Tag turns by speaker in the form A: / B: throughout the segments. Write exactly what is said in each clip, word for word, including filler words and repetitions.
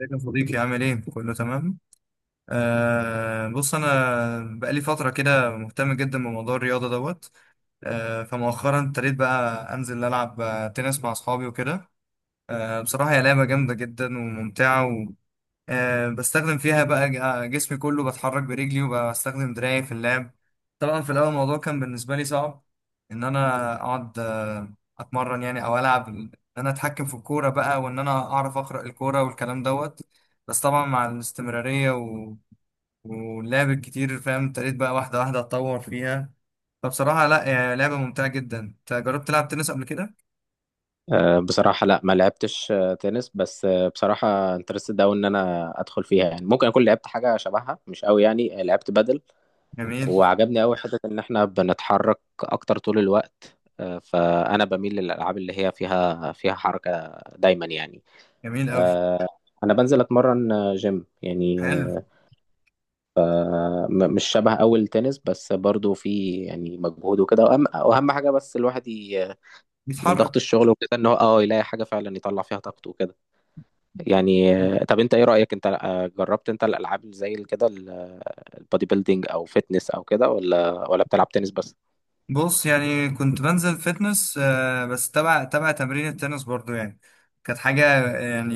A: ازيك يا صديقي، عامل ايه؟ كله تمام؟ آه بص انا بقالي فترة كده مهتم جدا بموضوع الرياضة دوت. آه فمؤخرا ابتديت بقى انزل العب آه، تنس مع اصحابي وكده. آه بصراحة هي لعبة جامدة جدا وممتعة. آه، بستخدم فيها بقى ج- آه، جسمي كله بتحرك برجلي وبستخدم دراعي في اللعب. طبعا في الأول الموضوع كان بالنسبة لي صعب، إن أنا أقعد آه، أتمرن يعني أو ألعب، إن أنا أتحكم في الكورة بقى وإن أنا أعرف أقرأ الكورة والكلام دوت. بس طبعا مع الاستمرارية و... واللعب الكتير فاهم، ابتديت بقى واحدة واحدة أتطور فيها. فبصراحة لا، هي لعبة ممتعة جدا. أنت جربت تلعب تنس قبل كده؟
B: آه، بصراحة، لا، ما لعبتش آه، تنس. بس آه، بصراحة انترستد أوي إن أنا أدخل فيها. يعني ممكن أكون لعبت حاجة شبهها، مش أوي يعني. آه، لعبت بدل.
A: جميل.
B: وعجبني أوي حتة إن إحنا بنتحرك أكتر طول الوقت. آه، فأنا بميل للألعاب اللي هي فيها فيها حركة دايما يعني.
A: جميل أوي.
B: أنا بنزل أتمرن آه، جيم يعني.
A: حلو.
B: آه، م- مش شبه أوي التنس، بس برضو في يعني مجهود وكده. وأهم وأهم حاجة بس الواحد ي- من
A: بيتحرك.
B: ضغط الشغل وكده، إن هو أه يلاقي حاجة فعلا يطلع فيها طاقته وكده يعني. آه، طب انت ايه رأيك؟ انت آه، جربت انت الالعاب اللي زي كده، ال- البودي بيلدينج او فيتنس او كده، ولا ولا بتلعب تنس بس؟
A: بص، يعني كنت بنزل فتنس، آه، بس تبع تبع تمرين التنس برضو يعني. كانت حاجة يعني،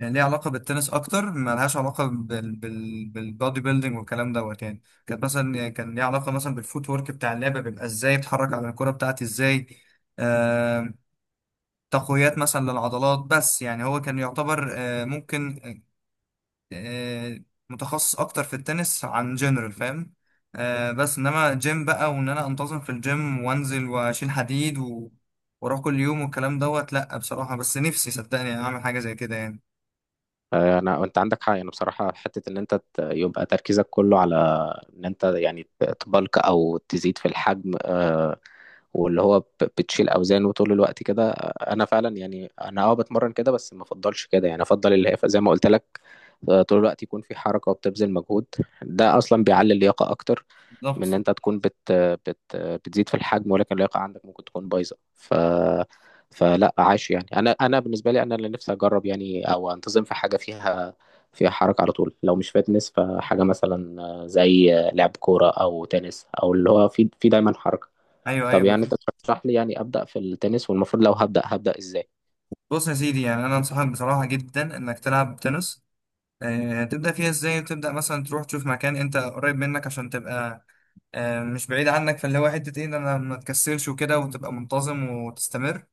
A: يعني ليها علاقة بالتنس أكتر، ملهاش علاقة بال بال بالبودي بيلدينج والكلام دوت. يعني كانت مثلا، يعني كان ليها علاقة مثلا بالفوت ورك بتاع اللعبة، بيبقى إزاي بتحرك على الكرة بتاعتي إزاي. آه، تقويات مثلا للعضلات. بس يعني هو كان يعتبر آه، ممكن آه، متخصص اكتر في التنس عن جنرال فاهم. آه، بس انما جيم بقى، وان انا انتظم في الجيم وانزل واشيل حديد و... واروح كل يوم والكلام دوت. لا بصراحة، بس نفسي صدقني اعمل حاجة زي كده يعني.
B: آه، انا، انت عندك حق. يعني بصراحة حتة ان انت ت- يبقى تركيزك كله على ان انت يعني ت- تبلك او تزيد في الحجم، آه، واللي هو ب- بتشيل اوزان وطول الوقت كده. انا فعلا يعني، انا اه بتمرن كده، بس ما افضلش كده يعني. افضل اللي هي زي ما قلت لك، آه، طول الوقت يكون في حركه وبتبذل مجهود. ده اصلا بيعلي اللياقه اكتر من ان
A: بالظبط.
B: انت تكون بت بت بتزيد في الحجم، ولكن اللياقه عندك ممكن تكون بايظه. ف فلا عاش يعني. انا انا بالنسبه لي، انا اللي نفسي اجرب يعني، او انتظم في حاجه فيها فيها حركه على طول. لو مش فيتنس، فحاجه مثلا آه، زي آه، لعب كوره او تنس، او اللي هو في في دايما حركه.
A: ايوه
B: طب
A: ايوه
B: يعني
A: بس-
B: انت ترشح لي يعني ابدا في التنس؟ والمفروض لو هبدا هبدا ازاي؟
A: بص يا سيدي، يعني انا انصحك بصراحة جدا انك تلعب تنس. آه، تبدأ فيها ازاي؟ تبدأ مثلا تروح تشوف مكان انت قريب منك عشان تبقى آه، مش بعيد عنك. فاللي هو حتة ايه، إن انا ما تكسلش وكده وتبقى منتظم وتستمر.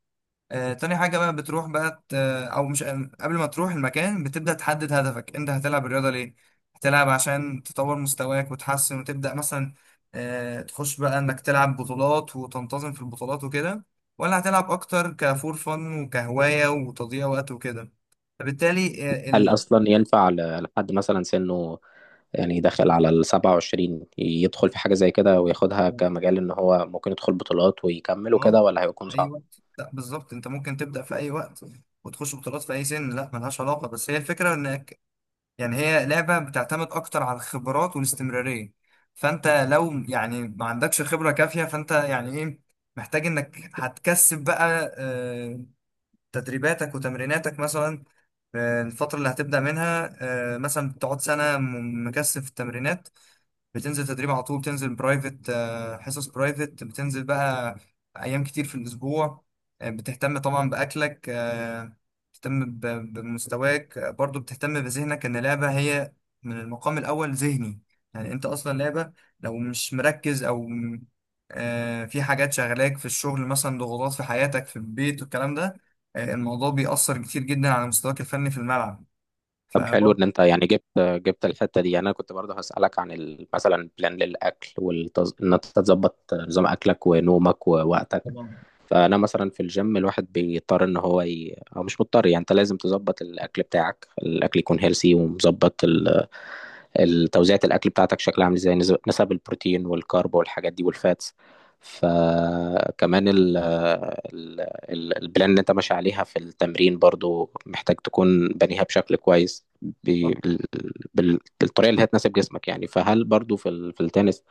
A: آه، تاني حاجة بقى، بتروح بقى ت- أو مش قبل ما تروح المكان، بتبدأ تحدد هدفك. أنت هتلعب الرياضة ليه؟ هتلعب عشان تطور مستواك وتحسن وتبدأ مثلا آه، تخش بقى إنك تلعب بطولات وتنتظم في البطولات وكده، ولا هتلعب أكتر كفور فن وكهواية وتضييع وقت وكده؟ فبالتالي آه،
B: هل
A: ال
B: اصلا ينفع ل- لحد مثلا سنه يعني داخل على ال سبعة وعشرين، يدخل في حاجه زي كده وياخدها كمجال، ان هو ممكن يدخل بطولات ويكمل
A: آه،
B: وكده، ولا هيكون
A: أي
B: صعب؟
A: وقت، لا بالظبط، أنت ممكن تبدأ في أي وقت وتخش بطولات في أي سن، لا ملهاش علاقة. بس هي الفكرة إنك، يعني هي لعبة بتعتمد أكتر على الخبرات والاستمرارية. فأنت لو يعني ما عندكش خبرة كافية، فأنت يعني إيه، محتاج إنك هتكثف بقى آه، تدريباتك وتمريناتك مثلا آه، الفترة اللي هتبدأ منها. آه، مثلا بتقعد سنة م- مكثف التمرينات، بتنزل تدريب على طول، بتنزل برايفت آه، حصص برايفت، بتنزل بقى ايام كتير في الاسبوع. آه، بتهتم طبعا باكلك، آه، بتهتم ب- بمستواك، آه، برضو بتهتم بذهنك، ان اللعبه هي من المقام الاول ذهني. يعني انت اصلا لعبه لو مش مركز او م- آه، في حاجات شغلاك في الشغل مثلا، ضغوطات في حياتك في البيت والكلام ده، آه، الموضوع بيأثر كتير جدا على مستواك الفني في الملعب.
B: طب حلو
A: فبرضه
B: ان انت يعني جبت جبت الحته دي. يعني انا كنت برضه هسالك عن ال- مثلا بلان للاكل والتز... ان انت تظبط نظام اكلك ونومك ووقتك.
A: طبعا
B: فانا مثلا في الجيم، الواحد بيضطر ان هو ي... او مش مضطر. يعني انت لازم تظبط الاكل بتاعك، الاكل يكون هيلسي ومظبط، توزيعة الأكل بتاعتك شكلها عامل ازاي، نسب نسب البروتين والكارب والحاجات دي والفاتس. فكمان ال ال ال- البلان اللي انت ماشي عليها في التمرين، برضو محتاج تكون بنيها بشكل كويس، بال- بال- بالطريقة اللي هتناسب جسمك يعني. فهل برضو في ال- في التنس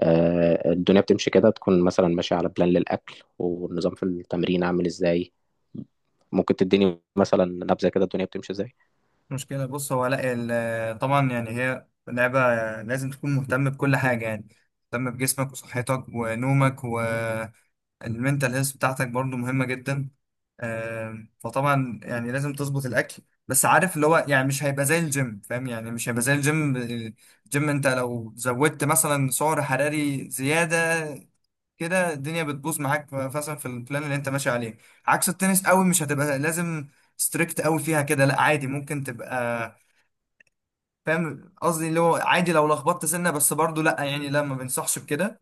B: آه، الدنيا بتمشي كده؟ تكون مثلا ماشي على بلان للأكل، والنظام في التمرين عامل ازاي؟ ممكن تديني مثلا نبذة كده الدنيا بتمشي ازاي؟
A: مشكلة. بص، هو لا ال- طبعا يعني هي لعبة لازم تكون مهتم بكل حاجة يعني، مهتم بجسمك وصحتك ونومك والمنتال هيلث بتاعتك برضو مهمة جدا. آم، فطبعا يعني لازم تظبط الأكل، بس عارف اللي هو يعني مش هيبقى زي الجيم فاهم، يعني مش هيبقى زي الجيم الجيم انت لو زودت مثلا سعر حراري زيادة كده، الدنيا بتبوظ معاك مثلا في البلان اللي انت ماشي عليه. عكس التنس، قوي مش هتبقى لازم ستريكت قوي فيها كده، لا عادي ممكن تبقى فاهم قصدي، اللي هو عادي لو لخبطت سنه. بس برضو لا يعني لا، ما بنصحش بكده.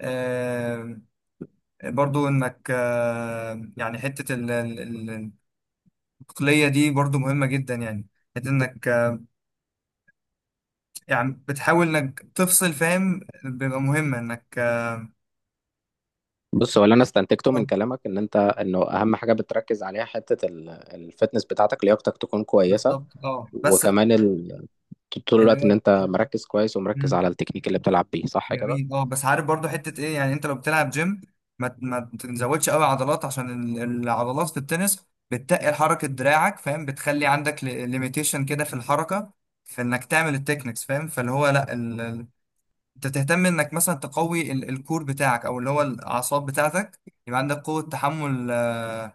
A: آه، برضو انك آه، يعني حته ال- ال- ال- العقليه دي برضو مهمه جدا يعني، حته انك آه، يعني بتحاول انك تفصل فاهم، بيبقى مهمه انك آه،
B: بص، هو اللي انا استنتجته من كلامك، ان انت، انه اهم حاجه بتركز عليها، حته ال- الفتنس بتاعتك، لياقتك تكون كويسه.
A: بالظبط. اه بس
B: وكمان ال... طول
A: اللي
B: الوقت ان
A: هو
B: انت مركز كويس، ومركز
A: مم.
B: على التكنيك اللي بتلعب بيه. صح كده؟
A: جميل. اه بس عارف برضو حتة ايه، يعني انت لو بتلعب جيم ما ما تزودش قوي عضلات، عشان ال- العضلات في التنس بتقل حركة دراعك فاهم، بتخلي عندك ليميتيشن كده في الحركة، في انك تعمل التكنيكس فاهم. فاللي هو لا ال... ال- انت تهتم انك مثلا تقوي ال... الكور بتاعك، او اللي هو الاعصاب بتاعتك، يبقى عندك قوة تحمل، آه،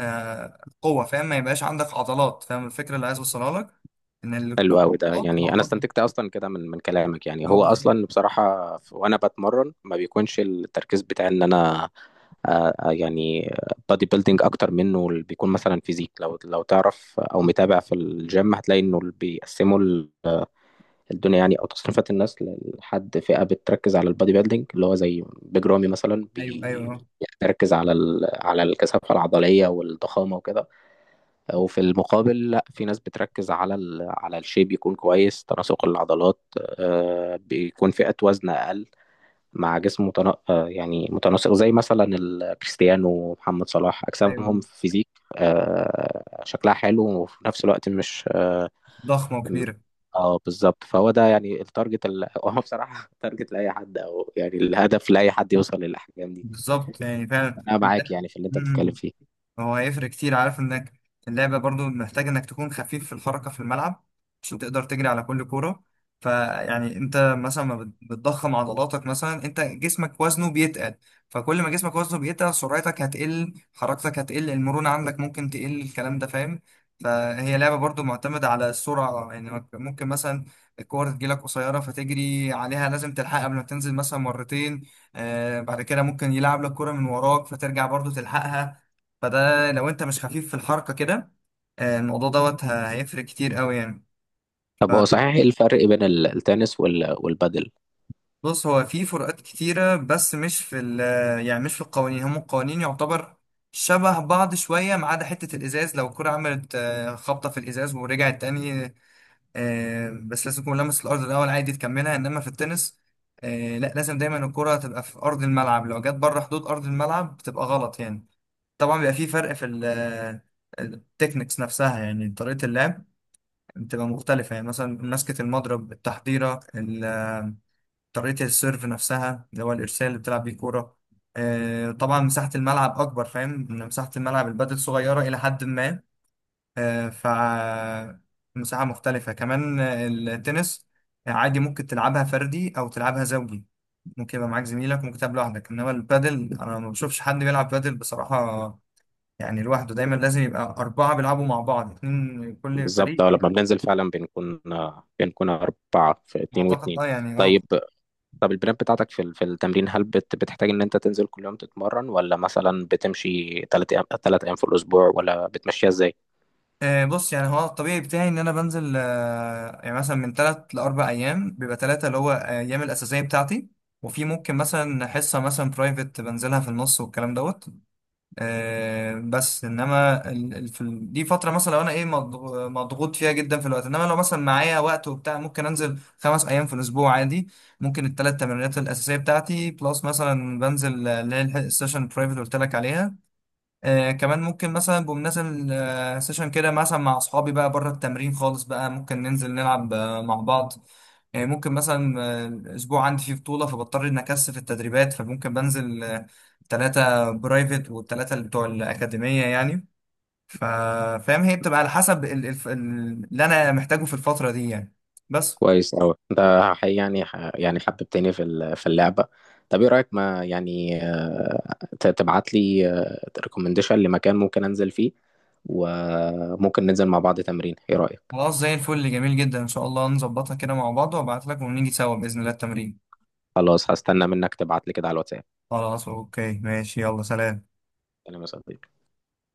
A: آه، قوة فاهم، ما يبقاش عندك عضلات فاهم. الفكرة اللي عايز اوصلها لك ان ال-
B: حلو قوي ده.
A: العضلات
B: يعني انا
A: العضلات
B: استنتجت اصلا كده من من كلامك. يعني
A: اه
B: هو
A: بالظبط.
B: اصلا بصراحه، ف- وانا بتمرن ما بيكونش التركيز بتاعي ان انا آه، آه، يعني بادي بيلدينج، اكتر منه اللي بيكون مثلا فيزيك. لو لو تعرف او متابع في الجيم، هتلاقي انه اللي بيقسموا الدنيا يعني، او تصنيفات الناس لحد، فئه بتركز على البادي بيلدينج، اللي هو زي بيج رامي مثلا،
A: ايوه ايوه
B: بي-
A: أه.
B: يعني بيركز على ال... على الكثافه العضليه والضخامه وكده. وفي المقابل، لا، في ناس بتركز على ال... على الشيب، يكون كويس تناسق العضلات. آه، بيكون فئه وزن اقل مع جسم متنا... آه، يعني متناسق، زي مثلا ال- كريستيانو ومحمد صلاح،
A: ايوه
B: اجسامهم فيزيك آه، شكلها حلو وفي نفس الوقت مش.
A: ضخمة
B: م.
A: وكبيرة.
B: اه، بالظبط. فهو ده يعني التارجت ال... هو بصراحة تارجت لأي حد، أو يعني الهدف لأي حد يوصل للأحجام دي.
A: بالظبط يعني فعلا
B: أنا معاك
A: ده-
B: يعني في اللي
A: م.
B: أنت بتتكلم
A: م.
B: فيه.
A: هو هيفرق كتير، عارف انك اللعبة برضو محتاج انك تكون خفيف في الحركة في الملعب عشان تقدر تجري على كل كورة. فيعني انت مثلا ما بت- بتضخم عضلاتك، مثلا انت جسمك وزنه بيتقل، فكل ما جسمك وزنه بيتقل، سرعتك هتقل، حركتك هتقل، المرونة عندك ممكن تقل، الكلام ده فاهم. فهي لعبة برضو معتمدة على السرعة، يعني ممكن مثلا الكورة تجيلك قصيرة فتجري عليها، لازم تلحقها قبل ما تنزل مثلا مرتين. آه بعد كده ممكن يلعب لك كورة من وراك فترجع برضو تلحقها. فده لو انت مش خفيف في الحركة كده، آه، الموضوع دوت ه- هيفرق كتير قوي يعني.
B: طب هو صحيح، إيه الفرق بين ال- التنس وال... والبادل؟
A: فبص، هو في فروقات كتيرة، بس مش في ال يعني مش في القوانين. هم القوانين يعتبر شبه بعض شوية، ما عدا حتة الإزاز، لو الكرة عملت آه، خبطة في الإزاز ورجعت تاني، آه، بس لازم تكون لمست الأرض الأول، عادي تكملها. إنما في التنس آه، لا، لازم دايما الكرة تبقى في أرض الملعب، لو جت بره حدود أرض الملعب بتبقى غلط يعني. طبعا بيبقى في فرق في ال- التكنيكس نفسها، يعني طريقة اللعب بتبقى مختلفة، يعني مثلا مسكة المضرب، التحضيرة ال- طريقة السيرف نفسها، اللي هو الإرسال اللي بتلعب بيه كورة. آه، طبعا مساحة الملعب أكبر فاهم، إن مساحة الملعب البادل صغيرة إلى حد ما. آه، ف مساحة مختلفة كمان. آه، التنس عادي ممكن تلعبها فردي أو تلعبها زوجي، ممكن يبقى معاك زميلك، ممكن تلعب لوحدك. إنما البادل أنا ما بشوفش حد بيلعب بادل بصراحة يعني لوحده، دايما لازم يبقى أربعة بيلعبوا مع بعض، اتنين كل
B: بالظبط.
A: فريق
B: اه، لما بننزل فعلا بنكون آه، بنكون أربعة، في اتنين
A: أعتقد
B: واتنين.
A: أه يعني أه.
B: طيب. طب البلان بتاعتك في ال- في التمرين، هل بت... بتحتاج إن أنت تنزل كل يوم تتمرن، ولا مثلا بتمشي تلات أيام، تلات أيام في الأسبوع، ولا بتمشيها إزاي؟
A: آه، بص يعني هو الطبيعي بتاعي ان انا بنزل آه، يعني مثلا من ثلاث لاربع ايام، بيبقى ثلاثه اللي هو آه، ايام الاساسيه بتاعتي، وفي ممكن مثلا حصه مثلا برايفت بنزلها في النص والكلام دوت. آه، بس انما ال- ال- في ال- دي فتره مثلا لو انا ايه مضغ- مضغوط فيها جدا في الوقت، انما لو مثلا معايا وقت وبتاع ممكن انزل خمس ايام في الاسبوع عادي. ممكن الثلاث تمرينات الاساسيه بتاعتي بلس مثلا بنزل آه، اللي هي الح- السيشن البرايفت اللي قلت لك عليها. آه كمان ممكن مثلا بمناسبة آه سيشن كده مثلا مع أصحابي بقى بره التمرين خالص بقى، ممكن ننزل نلعب آه مع بعض. يعني ممكن مثلا آه الأسبوع عندي فيه بطولة، فبضطر إن أكثف التدريبات، فممكن بنزل آه تلاتة برايفت والتلاتة اللي بتوع الأكاديمية يعني. ف- فاهم، هي بتبقى على حسب ال- ال- ال- اللي أنا محتاجه في الفترة دي يعني بس.
B: كويس أوي أنت. حقيقي يعني ح- يعني حببتني في ال- في اللعبة. طب إيه رأيك، ما يعني آه، ت- تبعت لي ريكومنديشن لمكان ممكن أنزل فيه، وممكن ننزل مع بعض تمرين؟ إيه رأيك؟
A: خلاص زي الفل، جميل جدا، إن شاء الله نظبطها كده مع بعض وأبعت لك ونيجي سوا بإذن الله التمرين.
B: خلاص. هستنى منك تبعت لي كده على الواتساب.
A: خلاص أوكي ماشي، يلا سلام.
B: سلام يا صديقي.